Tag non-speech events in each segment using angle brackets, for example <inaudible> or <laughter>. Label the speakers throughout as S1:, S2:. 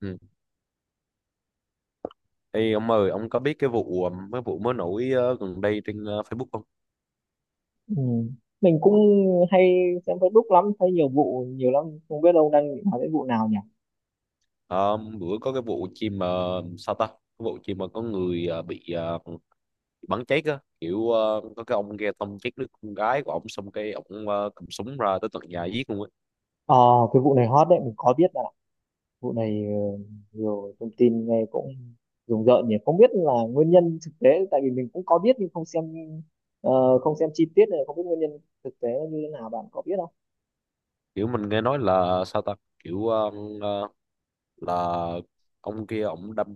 S1: Ừ. Ê, ông ơi, ông có biết cái vụ mới nổi gần đây trên Facebook không?
S2: Ừ. Mình cũng hay xem Facebook lắm, thấy nhiều vụ nhiều lắm, không biết ông đang định hỏi đến vụ nào nhỉ?
S1: Ờ, Bữa có cái vụ chim sao ta? Cái vụ chim mà có người bị bắn chết á, kiểu có cái ông kia tông chết đứa con gái của ông xong cái ông cầm súng ra tới tận nhà giết luôn á.
S2: Ờ, cái vụ này hot đấy, mình có biết là vụ này nhiều thông tin nghe cũng rùng rợn nhỉ, không biết là nguyên nhân thực tế, tại vì mình cũng có biết nhưng không xem chi tiết này, không biết nguyên nhân thực tế như thế nào, bạn có biết không?
S1: Kiểu mình nghe nói là sao ta? Kiểu ờ, là ông kia ông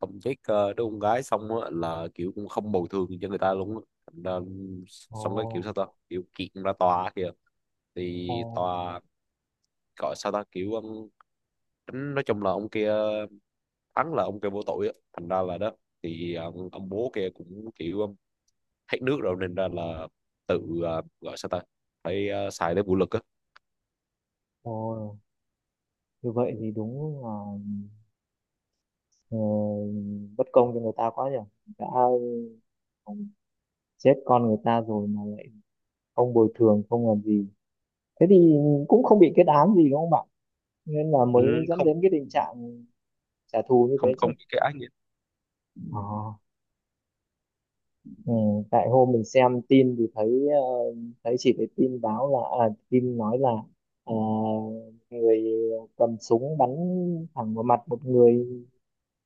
S1: tông chết đứa con gái xong á, là kiểu cũng không bồi thường cho người ta luôn á. Thành ra,
S2: Ồ.
S1: xong cái kiểu sao ta? Kiểu kiện ra tòa kìa
S2: Ồ.
S1: thì tòa gọi sao ta kiểu tính, nói chung là ông kia thắng, là ông kia vô tội á, thành ra là đó thì ông bố kia cũng kiểu hết nước rồi nên ra là tự gọi sao ta phải xài đến vũ lực á.
S2: Ồ, như vậy thì đúng là ờ, bất công cho người ta quá nhỉ, đã chết con người ta rồi mà không bồi thường không làm gì, thế thì cũng không bị kết án gì, đúng không bạn? Nên là
S1: Ừ,
S2: mới dẫn
S1: không,
S2: đến cái tình trạng trả thù như
S1: không
S2: thế
S1: không
S2: chứ.
S1: bị cái ác nghiệt.
S2: Ờ. ừ, Tại hôm mình xem tin thì thấy chỉ thấy tin báo là, tin nói là, ờ, người cầm súng bắn thẳng vào mặt một người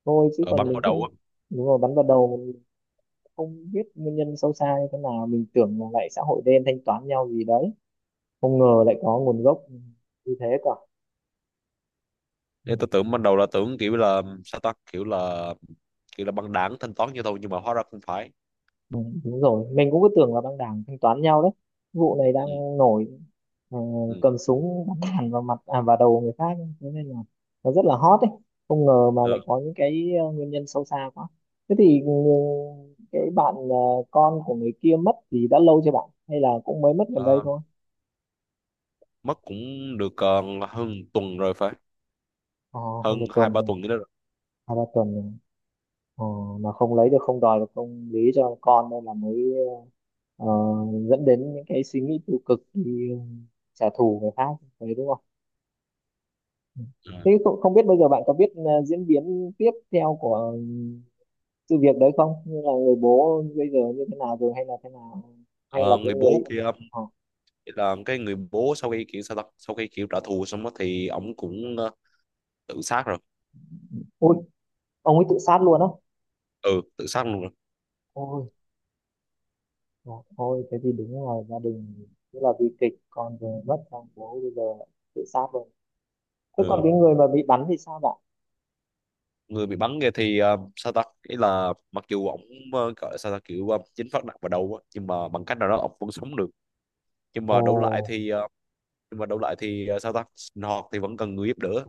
S2: thôi, chứ
S1: Ở
S2: còn
S1: bắn
S2: mình
S1: vào đầu
S2: cũng.
S1: á,
S2: Đúng rồi, bắn vào đầu. Mình không biết nguyên nhân sâu xa như thế nào, mình tưởng là lại xã hội đen thanh toán nhau gì đấy, không ngờ lại có nguồn gốc như thế cả. Ừ.
S1: nên tôi tưởng ban đầu là tưởng kiểu là sao ta, kiểu là băng đảng thanh toán như thôi nhưng mà hóa ra không phải.
S2: Ừ, đúng rồi, mình cũng cứ tưởng là băng đảng thanh toán nhau đấy, vụ này
S1: Ừ,
S2: đang nổi, ờ,
S1: ừ.
S2: cầm súng bắn thẳng vào mặt, à, vào đầu người khác, thế nên là nó rất là hot đấy, không ngờ mà lại
S1: Ừ.
S2: có những cái nguyên nhân sâu xa quá. Thế thì cái bạn, con của người kia mất thì đã lâu chưa bạn, hay là cũng mới mất gần đây
S1: Ờ,
S2: thôi?
S1: mất cũng được hơn tuần rồi, phải
S2: ờ, Hơn
S1: hơn
S2: một
S1: hai
S2: tuần
S1: ba
S2: rồi,
S1: tuần nữa rồi.
S2: hai ba tuần rồi, ờ, mà không lấy được, không đòi được, không lý cho con, nên là mới ờ, dẫn đến những cái suy nghĩ tiêu cực, đi trả thù người khác đấy, đúng không?
S1: Ừ.
S2: Thế không, không biết bây giờ bạn có biết diễn biến tiếp theo của sự việc đấy không, như là người bố bây giờ như thế nào rồi, hay là thế nào, hay là
S1: Ờ,
S2: cái
S1: người
S2: người.
S1: bố kia
S2: à,
S1: thì là cái người bố sau khi kiểu sao ta, sau khi kiểu trả thù xong đó thì ổng cũng tự sát rồi.
S2: Ui, ông ấy tự sát luôn á?
S1: Ừ, tự sát luôn rồi.
S2: Ôi. Dạ, ôi thế thì đúng là gia đình rất là bi kịch, con vừa mất xong bố bây giờ lại tự sát luôn. Thế còn
S1: Ừ,
S2: cái người mà bị bắn thì sao bạn?
S1: người bị bắn kia thì sao ta, ý là mặc dù ổng gọi là sao ta kiểu chính phát nặng vào đầu á nhưng mà bằng cách nào đó ổng vẫn sống được. nhưng
S2: Ồ.
S1: mà đấu lại thì ờ, nhưng mà đấu lại thì sao ta, sinh hoạt thì vẫn cần người giúp đỡ.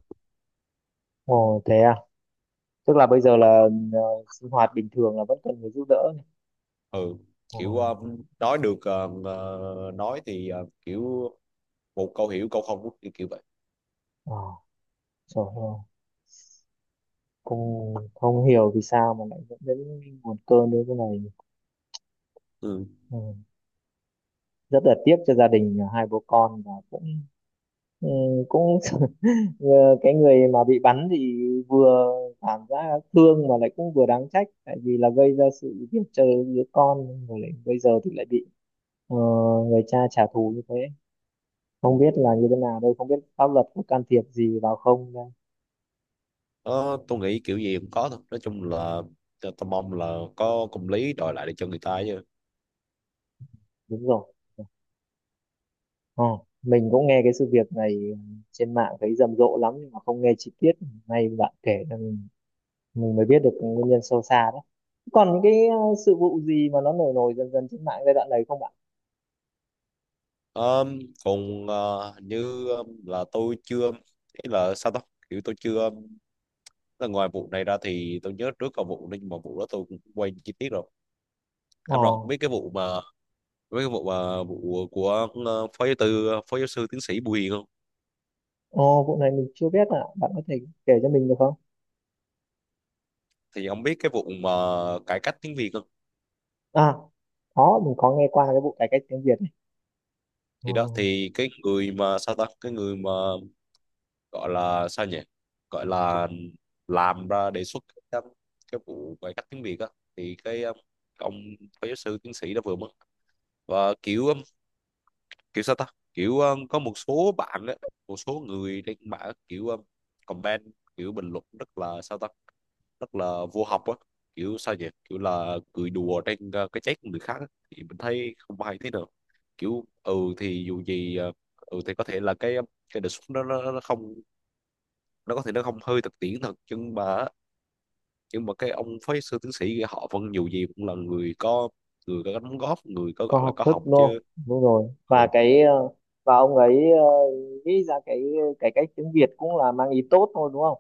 S2: Ồ thế à? Tức là bây giờ là ờ, sinh hoạt bình thường là vẫn cần người giúp đỡ này.
S1: Ừ,
S2: Ồ.
S1: kiểu nói được, nói thì kiểu một câu hiểu câu không, kiểu kiểu vậy.
S2: ờ, Trời ơi, cũng không hiểu vì sao mà lại dẫn đến nguồn cơn đến cái này.
S1: Ừ.
S2: Ừ. Rất là tiếc cho gia đình hai bố con, và cũng ừ, cũng <laughs> ờ, cái người mà bị bắn thì vừa cảm giác thương mà lại cũng vừa đáng trách, tại vì là gây ra sự việc chơi đứa con, rồi lại bây giờ thì lại bị ờ, người cha trả thù như thế. Không
S1: Ừ.
S2: biết là như thế nào đây, không biết pháp luật có can thiệp gì vào không đây.
S1: Ờ, tôi nghĩ kiểu gì cũng có thôi. Nói chung là tôi mong là có công lý đòi lại để cho người ta chứ.
S2: Đúng rồi. Ờ, mình cũng nghe cái sự việc này trên mạng thấy rầm rộ lắm, nhưng mà không nghe chi tiết, nay bạn kể là mình mới biết được nguyên nhân sâu xa đấy. Còn những cái sự vụ gì mà nó nổi nổi dần dần trên mạng giai đoạn này không bạn?
S1: Ờm, Còn hình như là tôi chưa, ý là sao đó, kiểu tôi chưa, là ngoài vụ này ra thì tôi nhớ trước có vụ nhưng mà vụ đó tôi cũng quên chi tiết rồi.
S2: ờ
S1: Anh Rọt biết cái vụ mà vụ của phó giáo sư tiến sĩ Bùi Hiền không?
S2: ờ Vụ này mình chưa biết, à bạn có thể kể cho mình được không?
S1: Thì ông biết cái vụ mà cải cách tiếng Việt không?
S2: À, có, mình có nghe qua cái vụ cải cách tiếng Việt ấy. Ờ,
S1: Thì đó, thì cái người mà sao ta, cái người mà gọi là sao nhỉ, gọi là làm ra đề xuất cái, um, cái vụ cải cách tiếng Việt á, thì cái ông phó giáo sư tiến sĩ đã vừa mất. Và kiểu kiểu sao ta kiểu có một số bạn á, một số người trên mạng kiểu comment, kiểu bình luận rất là sao ta, rất là vô học á, kiểu sao nhỉ, kiểu là cười đùa trên cái chết của người khác á. Thì mình thấy không hay thế nào, kiểu ừ thì dù gì ừ thì có thể là cái đề xuất đó nó không, nó có thể nó không hơi thực tiễn thật, nhưng mà cái ông phái sư tiến sĩ kia họ vẫn dù gì cũng là người có, đóng góp, người có
S2: có
S1: gọi là
S2: học
S1: có
S2: thức
S1: học chứ.
S2: đô, đúng rồi. Và
S1: Ừ.
S2: và ông ấy nghĩ ra cái cải cách tiếng Việt cũng là mang ý tốt thôi, đúng không?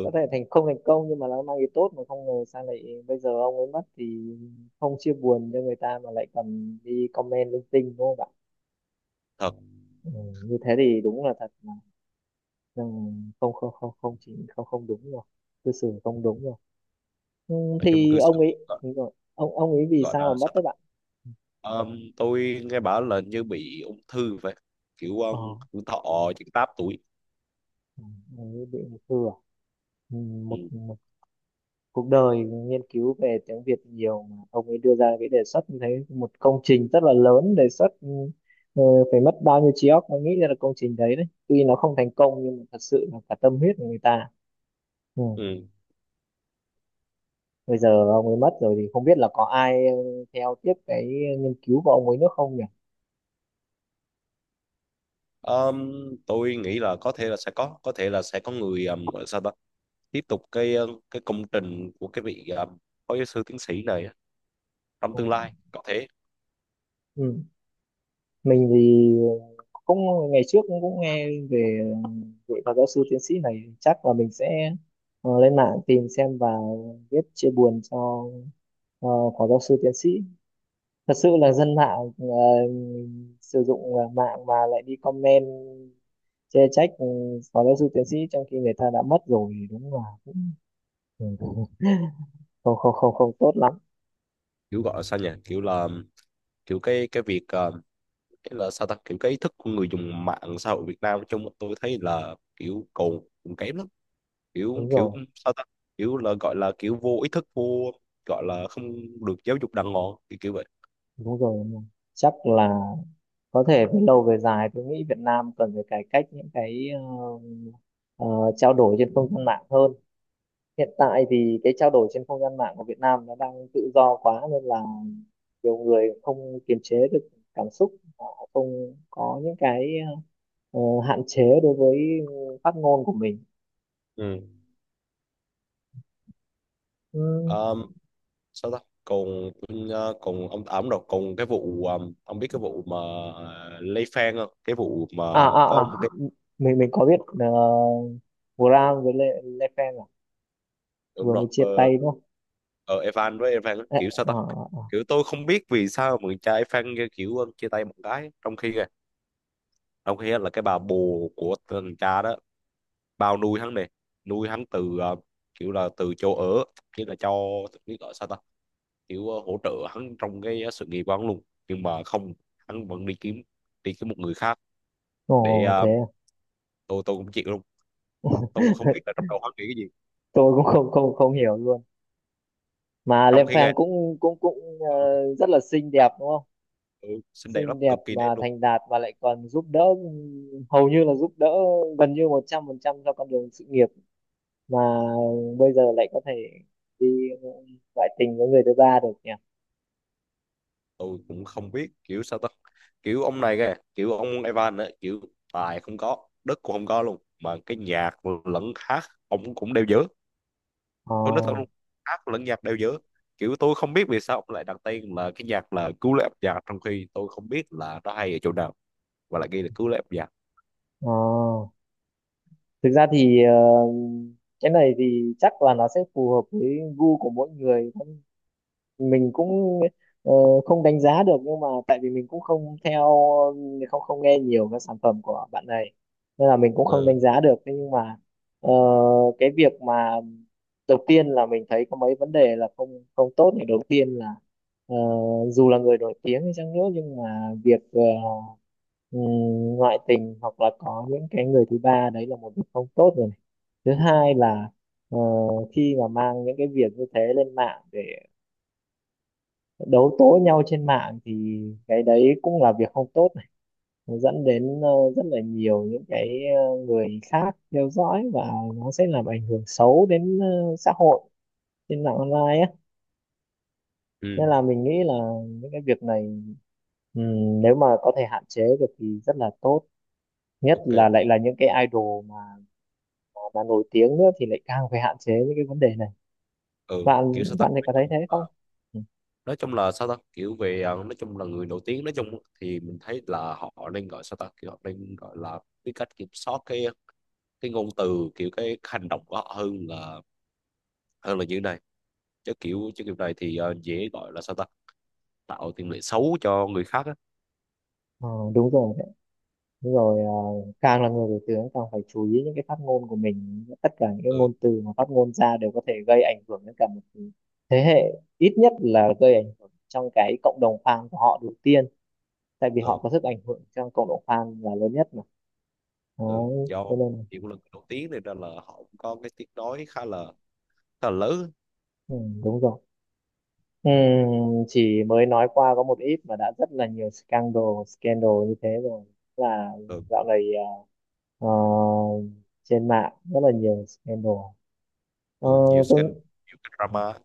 S2: Có thể thành không thành công nhưng mà nó mang ý tốt, mà không ngờ sao lại bây giờ ông ấy mất thì không chia buồn cho người ta mà lại còn đi comment linh tinh, đúng không ạ?
S1: thật.
S2: ừ, Như thế thì đúng là thật là không không không không chỉ không không, đúng rồi, cư xử không đúng rồi. Ừ,
S1: Nói chung
S2: thì
S1: cư xử,
S2: ông ấy
S1: gọi,
S2: đúng rồi, ông ấy vì sao
S1: là
S2: mà mất
S1: sao
S2: đấy
S1: ta.
S2: bạn?
S1: Tôi nghe bảo là như bị ung thư vậy, kiểu
S2: ờ
S1: thọ chỉ 8 tuổi.
S2: ừ, ông ấy bị ung thư à? Ừ,
S1: Ừ.
S2: một cuộc đời nghiên cứu về tiếng Việt nhiều mà ông ấy đưa ra cái đề xuất như thế, một công trình rất là lớn, đề xuất, ờ, phải mất bao nhiêu trí óc mới nghĩ ra được công trình đấy đấy, tuy nó không thành công nhưng mà thật sự là cả tâm huyết của người ta. Ừ.
S1: Ừ.
S2: Bây giờ ông ấy mất rồi thì không biết là có ai theo tiếp cái nghiên cứu của ông ấy nữa không nhỉ?
S1: Ờm, tôi nghĩ là có thể là sẽ có, người gọi là sao ta tiếp tục cái cái công trình của cái vị phó giáo sư tiến sĩ này trong
S2: Ừ.
S1: tương lai, có thể.
S2: Ừ. Mình thì cũng ngày trước cũng nghe về vị phó giáo sư tiến sĩ này, chắc là mình sẽ lên mạng tìm xem và viết chia buồn cho Ờ, phó giáo sư tiến sĩ. Thật sự là dân mạng sử dụng mạng mà lại đi comment chê trách phó giáo sư tiến sĩ trong khi người ta đã mất rồi thì đúng là cũng ừ, không không không không tốt lắm.
S1: Kiểu gọi là sao nhỉ, kiểu là kiểu cái việc cái là sao ta, kiểu cái ý thức của người dùng mạng xã hội Việt Nam nói chung tôi thấy là kiểu còn còn kém lắm, kiểu
S2: Đúng
S1: kiểu
S2: rồi.
S1: sao ta, kiểu là gọi là kiểu vô ý thức, vô gọi là không được giáo dục đàng hoàng, kiểu, kiểu vậy.
S2: Đúng rồi. Đúng rồi. Chắc là có thể về lâu về dài tôi nghĩ Việt Nam cần phải cải cách những cái ờ, trao đổi trên không gian mạng hơn. Hiện tại thì cái trao đổi trên không gian mạng của Việt Nam nó đang tự do quá, nên là nhiều người không kiềm chế được cảm xúc, họ không có những cái ờ, hạn chế đối với phát ngôn của mình.
S1: Ừ.
S2: Ừ.
S1: um, Sao ta, còn còn ông à, đúng rồi, còn cái vụ ông biết cái vụ mà Lê Phan không, cái vụ mà
S2: À, à,
S1: có
S2: à,
S1: một,
S2: mình có biết, Graham với Le Pen à?
S1: đúng
S2: Vừa
S1: rồi
S2: mới chia tay đúng không?
S1: Evan với Evan á,
S2: À,
S1: kiểu sao ta,
S2: à, à.
S1: kiểu tôi không biết vì sao mà người cha Evan kia kiểu chia tay một cái, trong khi kìa, trong khi á là cái bà bồ của thằng cha đó bao nuôi hắn này, nuôi hắn từ kiểu là từ chỗ ở, nghĩa là cho biết gọi sao ta, kiểu hỗ trợ hắn trong cái sự nghiệp của hắn luôn, nhưng mà không, hắn vẫn đi kiếm một người khác để
S2: Ồ, thế à?
S1: tôi cũng chịu luôn, tôi cũng không biết
S2: <laughs>
S1: là trong đầu hắn nghĩ cái gì.
S2: Tôi cũng không không không hiểu luôn. Mà Le
S1: Trong khi nghe
S2: Pen cũng cũng cũng ờ, rất là xinh đẹp đúng không?
S1: tôi xinh đẹp lắm,
S2: Xinh đẹp
S1: cực kỳ đẹp
S2: mà
S1: luôn.
S2: thành đạt và lại còn giúp đỡ, hầu như là giúp đỡ gần như 100% cho con đường sự nghiệp, mà bây giờ lại có thể đi ngoại tình với người thứ ba được nhỉ?
S1: Tôi cũng không biết kiểu sao ta, kiểu ông này kìa, kiểu ông Evan ấy, kiểu tài không có, đất cũng không có luôn, mà cái nhạc lẫn hát ông cũng đều dở,
S2: ờ
S1: tôi nói thật luôn. Hát lẫn nhạc đều dở, kiểu tôi không biết vì sao ông lại đặt tên là cái nhạc là cứu lấy âm nhạc, trong khi tôi không biết là nó hay ở chỗ nào, và lại ghi là cứu lấy âm nhạc.
S2: ờ Thực ra thì cái này thì chắc là nó sẽ phù hợp với gu của mỗi người, mình cũng ờ, không đánh giá được. Nhưng mà tại vì mình cũng không theo, không không nghe nhiều các sản phẩm của bạn này, nên là mình cũng không
S1: Ừ.
S2: đánh giá được. Thế nhưng mà ờ, cái việc mà đầu tiên là mình thấy có mấy vấn đề là không không tốt này. Đầu tiên là ờ, dù là người nổi tiếng hay chăng nữa nhưng mà việc ừm, ngoại tình hoặc là có những cái người thứ ba đấy là một việc không tốt rồi này. Thứ hai là ờ, khi mà mang những cái việc như thế lên mạng để đấu tố nhau trên mạng thì cái đấy cũng là việc không tốt này, nó dẫn đến rất là nhiều những cái người khác theo dõi và nó sẽ làm ảnh hưởng xấu đến xã hội trên mạng online á.
S1: Ừ.
S2: Nên là mình nghĩ là những cái việc này, nếu mà có thể hạn chế được thì rất là tốt, nhất
S1: OK.
S2: là lại là những cái idol mà mà nổi tiếng nữa thì lại càng phải hạn chế những cái vấn đề này.
S1: ừ
S2: bạn
S1: kiểu sao ta
S2: bạn thì có thấy thế không? Ừ.
S1: nói chung là sao ta, kiểu về nói chung là người nổi tiếng, nói chung thì mình thấy là họ nên gọi sao ta, kiểu họ nên gọi là biết cách kiểm soát cái ngôn từ, kiểu cái hành động của họ, hơn là như thế này, chứ kiểu này thì dễ gọi là sao ta, tạo tiền lệ xấu cho người khác á.
S2: Ờ, đúng rồi. Đúng rồi, à, càng là người nổi tiếng càng phải chú ý những cái phát ngôn của mình, tất cả những cái
S1: Ừ.
S2: ngôn từ mà phát ngôn ra đều có thể gây ảnh hưởng đến cả một thế hệ, ít nhất là gây ảnh hưởng trong cái cộng đồng fan của họ đầu tiên, tại vì họ
S1: Ừ.
S2: có sức ảnh hưởng trong cộng đồng fan là lớn nhất mà.
S1: Ừ.
S2: Đó
S1: Do
S2: cho nên là-
S1: chỉ một lần đầu tiên này nên là họ cũng có cái tiếng nói khá là lớn.
S2: ừ, đúng rồi. Ừ, chỉ mới nói qua có một ít mà đã rất là nhiều scandal scandal như thế rồi, là
S1: Ừ.
S2: dạo này à, ờ, trên mạng rất là nhiều scandal. Ờ,
S1: Ừ, nhiều
S2: tôi
S1: scandal, nhiều cái drama.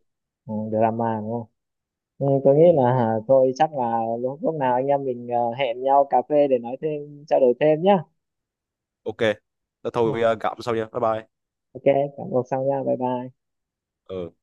S2: ừ, drama đúng không? Ừ, tôi nghĩ
S1: Ừ.
S2: là, thôi chắc là lúc nào anh em mình hẹn nhau cà phê để nói thêm trao đổi thêm nhá.
S1: OK, thế
S2: Ừ,
S1: thôi, gặp sau nha, bye bye.
S2: ok cảm ơn xong nha bye bye.
S1: Ừ.